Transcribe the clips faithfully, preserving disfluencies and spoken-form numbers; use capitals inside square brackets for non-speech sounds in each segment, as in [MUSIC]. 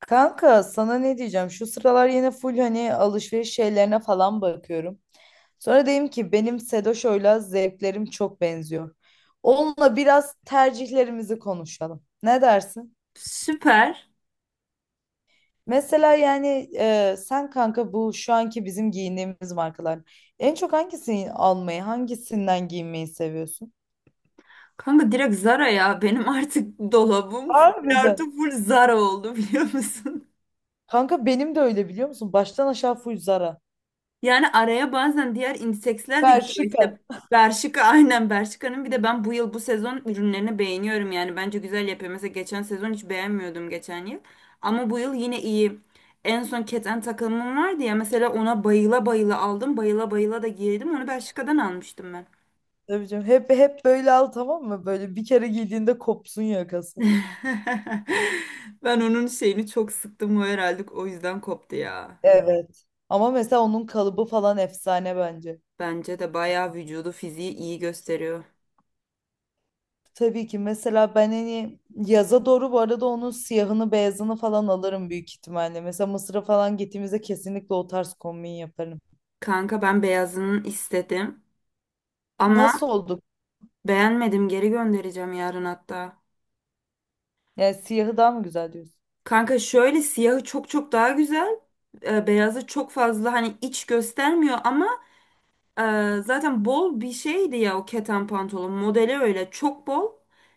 Kanka sana ne diyeceğim? Şu sıralar yine full hani alışveriş şeylerine falan bakıyorum. Sonra dedim ki benim Sedoşo'yla zevklerim çok benziyor. Onunla biraz tercihlerimizi konuşalım. Ne dersin? Süper. Mesela yani e, sen kanka bu şu anki bizim giyindiğimiz markalar. En çok hangisini almayı, hangisinden giyinmeyi seviyorsun? Kanka direkt Zara ya. Benim artık dolabım full artı Harbiden. full Zara oldu biliyor musun? [LAUGHS] Kanka benim de öyle biliyor musun? Baştan aşağı full Zara. Yani araya bazen diğer indiseksler de gidiyor. Bershka. İşte Bershka aynen. Bershka'nın bir de ben bu yıl bu sezon ürünlerini beğeniyorum yani. Bence güzel yapıyor. Mesela geçen sezon hiç beğenmiyordum geçen yıl. Ama bu yıl yine iyi. En son keten takımım vardı ya mesela ona bayıla bayıla aldım. Bayıla bayıla da giydim. Onu Bershka'dan almıştım ben. Tabii canım. Hep hep böyle al, tamam mı? Böyle bir kere giydiğinde kopsun yakası. [LAUGHS] Ben onun şeyini çok sıktım o herhalde o yüzden koptu ya. Evet. Ama mesela onun kalıbı falan efsane bence. Bence de bayağı vücudu fiziği iyi gösteriyor. Tabii ki mesela ben hani yaza doğru bu arada onun siyahını beyazını falan alırım büyük ihtimalle. Mesela Mısır'a falan gittiğimizde kesinlikle o tarz kombin yaparım. Kanka ben beyazını istedim ama Nasıl olduk? beğenmedim, geri göndereceğim yarın hatta. Yani siyahı daha mı güzel diyorsun? Kanka şöyle, siyahı çok çok daha güzel. E, beyazı çok fazla hani iç göstermiyor ama Ee, zaten bol bir şeydi ya o keten pantolon modeli, öyle çok bol.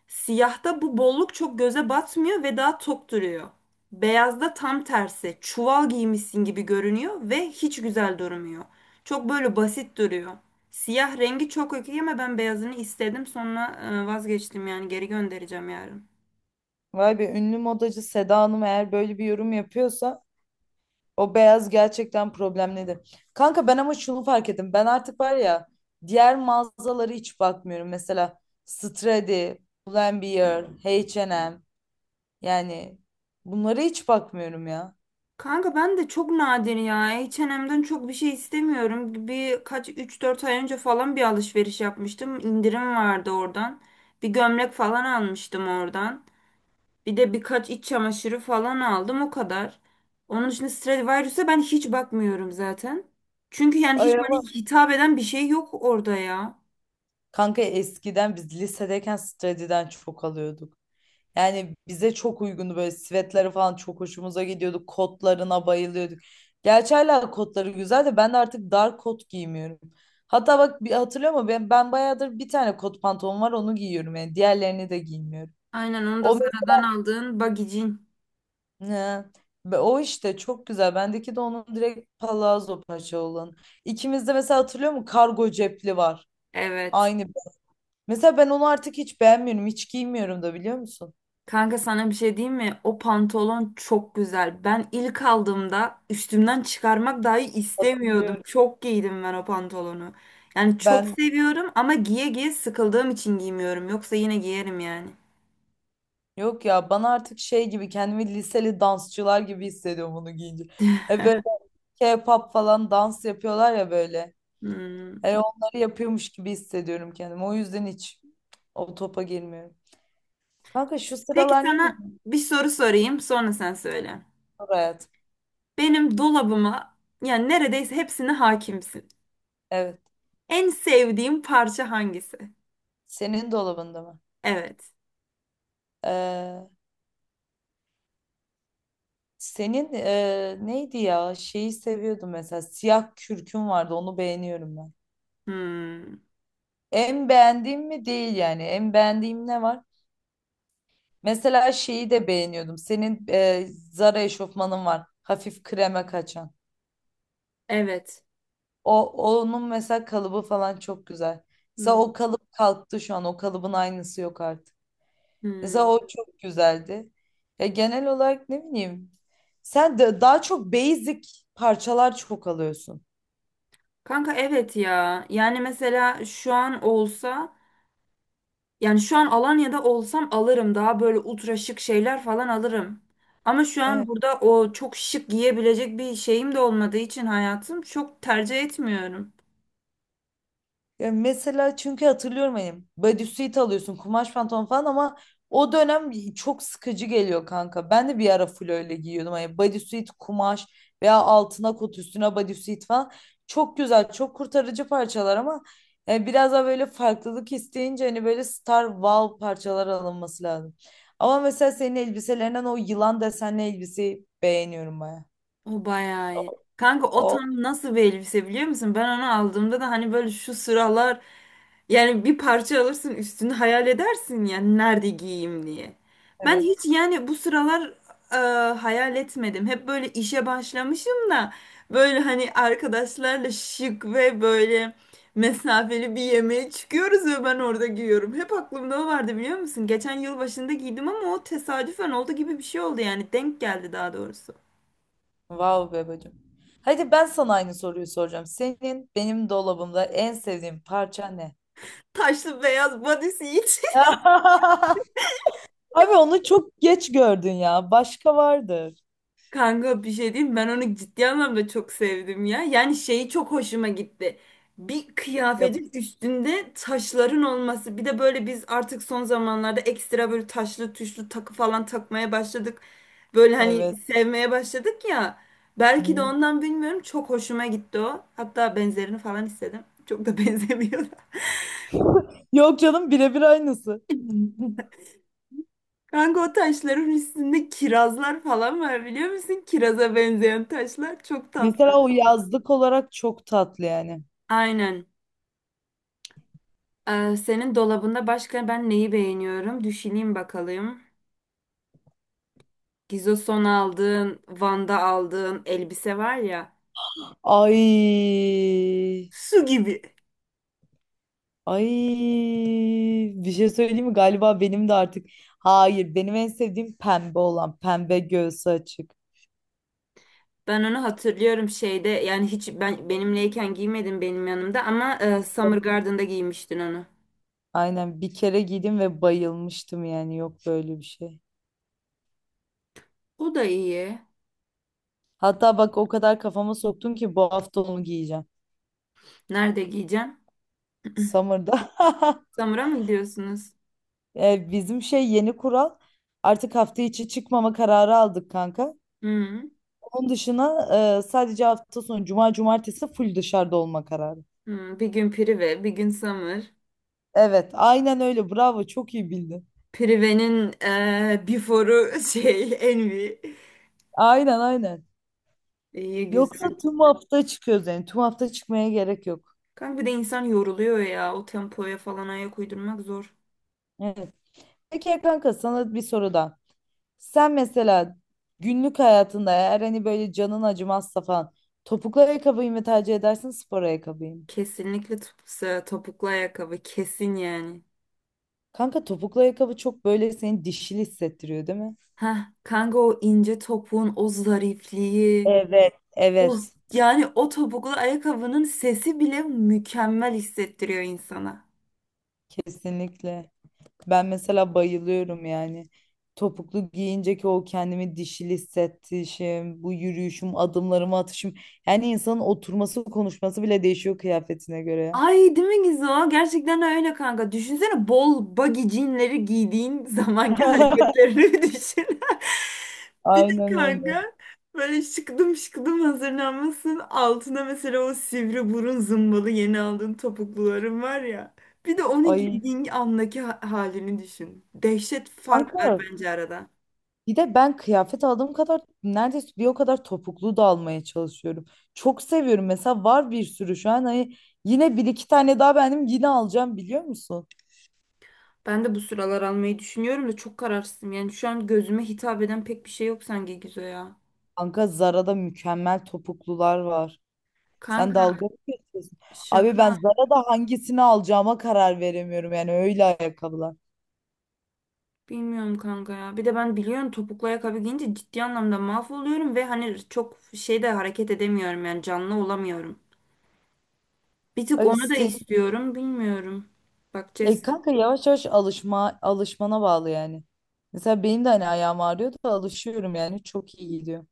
Siyahta bu bolluk çok göze batmıyor ve daha tok duruyor. Beyazda tam tersi çuval giymişsin gibi görünüyor ve hiç güzel durmuyor. Çok böyle basit duruyor. Siyah rengi çok okey ama ben beyazını istedim, sonra e, vazgeçtim yani, geri göndereceğim yarın. Vay be, ünlü modacı Seda Hanım eğer böyle bir yorum yapıyorsa o beyaz gerçekten problemliydi. Kanka ben ama şunu fark ettim. Ben artık var ya, diğer mağazaları hiç bakmıyorum. Mesela Stradi, Pull&Bear, H ve M, yani bunlara hiç bakmıyorum ya. Kanka ben de çok nadir ya. H ve M'den çok bir şey istemiyorum. Bir kaç üç dört ay önce falan bir alışveriş yapmıştım. İndirim vardı oradan. Bir gömlek falan almıştım oradan. Bir de birkaç iç çamaşırı falan aldım o kadar. Onun dışında Stradivarius'a ben hiç bakmıyorum zaten. Çünkü yani Ay hiç ama bana hitap eden bir şey yok orada ya. kanka, eskiden biz lisedeyken Stradi'den çok alıyorduk. Yani bize çok uygundu, böyle sivetleri falan çok hoşumuza gidiyordu. Kotlarına bayılıyorduk. Gerçi hala kotları güzel de ben de artık dar kot giymiyorum. Hatta bak, bir hatırlıyor musun? Ben, ben bayağıdır bir tane kot pantolon var, onu giyiyorum yani. Diğerlerini de giymiyorum. Aynen, onu da O mes- Zara'dan aldığın bagicin. He. Be- o işte çok güzel. Bendeki de onun direkt palazzo paça olan. İkimizde mesela hatırlıyor musun? Kargo cepli var. Evet. Aynı. Mesela ben onu artık hiç beğenmiyorum. Hiç giymiyorum da biliyor musun? Kanka sana bir şey diyeyim mi? O pantolon çok güzel. Ben ilk aldığımda üstümden çıkarmak dahi istemiyordum. Hatırlıyorum. Çok giydim ben o pantolonu. Yani çok Ben seviyorum ama giye giye sıkıldığım için giymiyorum. Yoksa yine giyerim yani. Yok ya, bana artık şey gibi, kendimi liseli dansçılar gibi hissediyorum bunu giyince. E böyle K-pop falan dans yapıyorlar ya böyle. Hmm. E onları yapıyormuş gibi hissediyorum kendimi. O yüzden hiç o topa girmiyorum. Kanka şu Peki sıralar ne sana bileyim, bir soru sorayım, sonra sen söyle. spor hayatım. Benim dolabıma yani neredeyse hepsine hakimsin. Evet. En sevdiğim parça hangisi? Senin dolabında mı? Evet. Ee, senin e, neydi ya? Şeyi seviyordum mesela. Siyah kürkün vardı. Onu beğeniyorum ben. Hmm. En beğendiğim mi değil yani. En beğendiğim ne var? Mesela şeyi de beğeniyordum. Senin e, Zara eşofmanın var. Hafif kreme kaçan. Evet. O onun mesela kalıbı falan çok güzel. Mesela Hmm. o kalıp kalktı şu an. O kalıbın aynısı yok artık. Mesela Hmm. o çok güzeldi. Ya genel olarak ne bileyim. Sen de daha çok basic parçalar çok alıyorsun. Kanka evet ya. Yani mesela şu an olsa, yani şu an Alanya'da olsam alırım. Daha böyle ultra şık şeyler falan alırım. Ama şu an Evet. burada o çok şık giyebilecek bir şeyim de olmadığı için hayatım, çok tercih etmiyorum. Ya mesela çünkü hatırlıyorum hani bodysuit alıyorsun, kumaş pantolon falan ama o dönem çok sıkıcı geliyor kanka. Ben de bir ara full öyle giyiyordum. Hani bodysuit kumaş, veya altına kot üstüne bodysuit falan. Çok güzel, çok kurtarıcı parçalar ama e, biraz daha böyle farklılık isteyince hani böyle star wow parçalar alınması lazım. Ama mesela senin elbiselerinden o yılan desenli elbiseyi beğeniyorum baya. O bayağı iyi. Kanka o O tam nasıl bir elbise biliyor musun? Ben onu aldığımda da hani böyle şu sıralar, yani bir parça alırsın üstünü hayal edersin yani nerede giyeyim diye. Ben evet. hiç yani bu sıralar e, hayal etmedim. Hep böyle işe başlamışım da böyle hani arkadaşlarla şık ve böyle mesafeli bir yemeğe çıkıyoruz ve ben orada giyiyorum. Hep aklımda o vardı biliyor musun? Geçen yıl başında giydim ama o tesadüfen oldu gibi bir şey oldu yani, denk geldi daha doğrusu. Vav be bacım. Hadi ben sana aynı soruyu soracağım. Senin benim dolabımda en sevdiğin parça ne? Taşlı beyaz bodysuit. [LAUGHS] Abi onu çok geç gördün ya. Başka vardır. [LAUGHS] Kanka bir şey diyeyim, ben onu ciddi anlamda çok sevdim ya. Yani şeyi çok hoşuma gitti. Bir Yap- kıyafetin üstünde taşların olması. Bir de böyle biz artık son zamanlarda ekstra böyle taşlı tuşlu takı falan takmaya başladık. Böyle hani Evet. sevmeye başladık ya. Belki de Hı. ondan bilmiyorum, çok hoşuma gitti o. Hatta benzerini falan istedim. Çok da benzemiyor. Yok canım, birebir aynısı. [LAUGHS] Kanka o taşların üstünde kirazlar falan var biliyor musun? Kiraza benzeyen taşlar çok tatlı. Mesela o yazlık olarak çok tatlı yani. Aynen. Ee, senin dolabında başka ben neyi beğeniyorum? Düşüneyim bakalım. Gizos'tan aldığın, Van'da aldığın elbise var ya. Ay. Su gibi. Ay. Bir şey söyleyeyim mi? Galiba benim de artık. Hayır, benim en sevdiğim pembe olan. Pembe, göğsü açık. Ben onu hatırlıyorum şeyde, yani hiç ben benimleyken giymedin, benim yanımda ama e, Summer Garden'da giymiştin onu. Aynen, bir kere giydim ve bayılmıştım, yani yok böyle bir şey. O da iyi. Hatta bak, o kadar kafama soktun ki bu hafta onu giyeceğim. Nerede giyeceksin? Summer'da. [LAUGHS] Summer'a mı gidiyorsunuz? E, bizim şey, yeni kural, artık hafta içi çıkmama kararı aldık kanka. Hı. Onun dışına e, sadece hafta sonu cuma cumartesi full dışarıda olma kararı. Hı. Bir gün Prive, bir gün Summer. Evet aynen öyle, bravo, çok iyi bildin. Prive'nin eee before'u şey [LAUGHS] Envy. Aynen aynen. İyi Yoksa güzel. tüm hafta çıkıyoruz, yani tüm hafta çıkmaya gerek yok. Kanka bir de insan yoruluyor ya. O tempoya falan ayak uydurmak zor. Evet. Peki ya kanka, sana bir soru daha. Sen mesela günlük hayatında eğer hani böyle canın acımazsa falan, topuklu ayakkabıyı mı tercih edersin, spor ayakkabıyı mı? Kesinlikle top- topuklu ayakkabı. Kesin yani. Kanka topuklu ayakkabı çok böyle seni dişil hissettiriyor değil mi? Heh, kanka o ince topuğun o zarifliği. Evet. O, Evet, yani o topuklu ayakkabının sesi bile mükemmel hissettiriyor insana. kesinlikle. Ben mesela bayılıyorum yani. Topuklu giyince ki, o kendimi dişil hissettişim, bu yürüyüşüm, adımlarımı atışım. Yani insanın oturması, konuşması bile değişiyor kıyafetine göre ya. Ay değil mi Gizo? Gerçekten öyle kanka. Düşünsene bol baggy jeanleri giydiğin [LAUGHS] zamanki [LAUGHS] hareketlerini bir düşün. [LAUGHS] Bir de Aynen öyle. kanka böyle şıkıdım şıkıdım hazırlanmasın. Altına mesela o sivri burun zımbalı yeni aldığın topukluların var ya. Bir de onu Ay giydiğin andaki ha- halini düşün. Dehşet kanka, fark var bence arada. bir de ben kıyafet aldığım kadar neredeyse bir o kadar topuklu da almaya çalışıyorum. Çok seviyorum, mesela var bir sürü şu an, hani yine bir iki tane daha benim yine alacağım biliyor musun? Ben de bu sıralar almayı düşünüyorum da çok kararsızım. Yani şu an gözüme hitap eden pek bir şey yok sanki Gizo ya. Kanka Zara'da mükemmel topuklular var. Sen Kanka dalga mı geçiyorsun? Abi ben şaka. Zara'da hangisini alacağıma karar veremiyorum yani, öyle ayakkabılar. Bilmiyorum kanka ya. Bir de ben biliyorum, topuklu ayakkabı giyince ciddi anlamda mahvoluyorum ve hani çok şeyde hareket edemiyorum yani, canlı olamıyorum. Bir tık Abi onu da senin istiyorum. Bilmiyorum. Bakacağız. e kanka yavaş yavaş alışma, alışmana bağlı yani. Mesela benim de hani ayağım ağrıyor da alışıyorum, yani çok iyi gidiyor.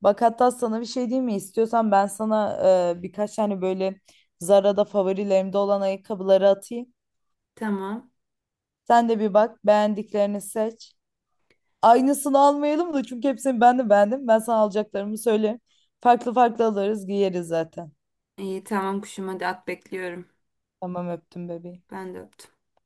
Bak hatta sana bir şey diyeyim mi? İstiyorsan ben sana e, birkaç tane böyle Zara'da favorilerimde olan ayakkabıları atayım. Tamam. Sen de bir bak, beğendiklerini seç. Aynısını almayalım da, çünkü hepsini ben de beğendim. Ben sana alacaklarımı söylerim. Farklı farklı alırız, giyeriz zaten. İyi tamam kuşum, hadi at bekliyorum. Tamam, öptüm bebeğim. Ben de öptüm.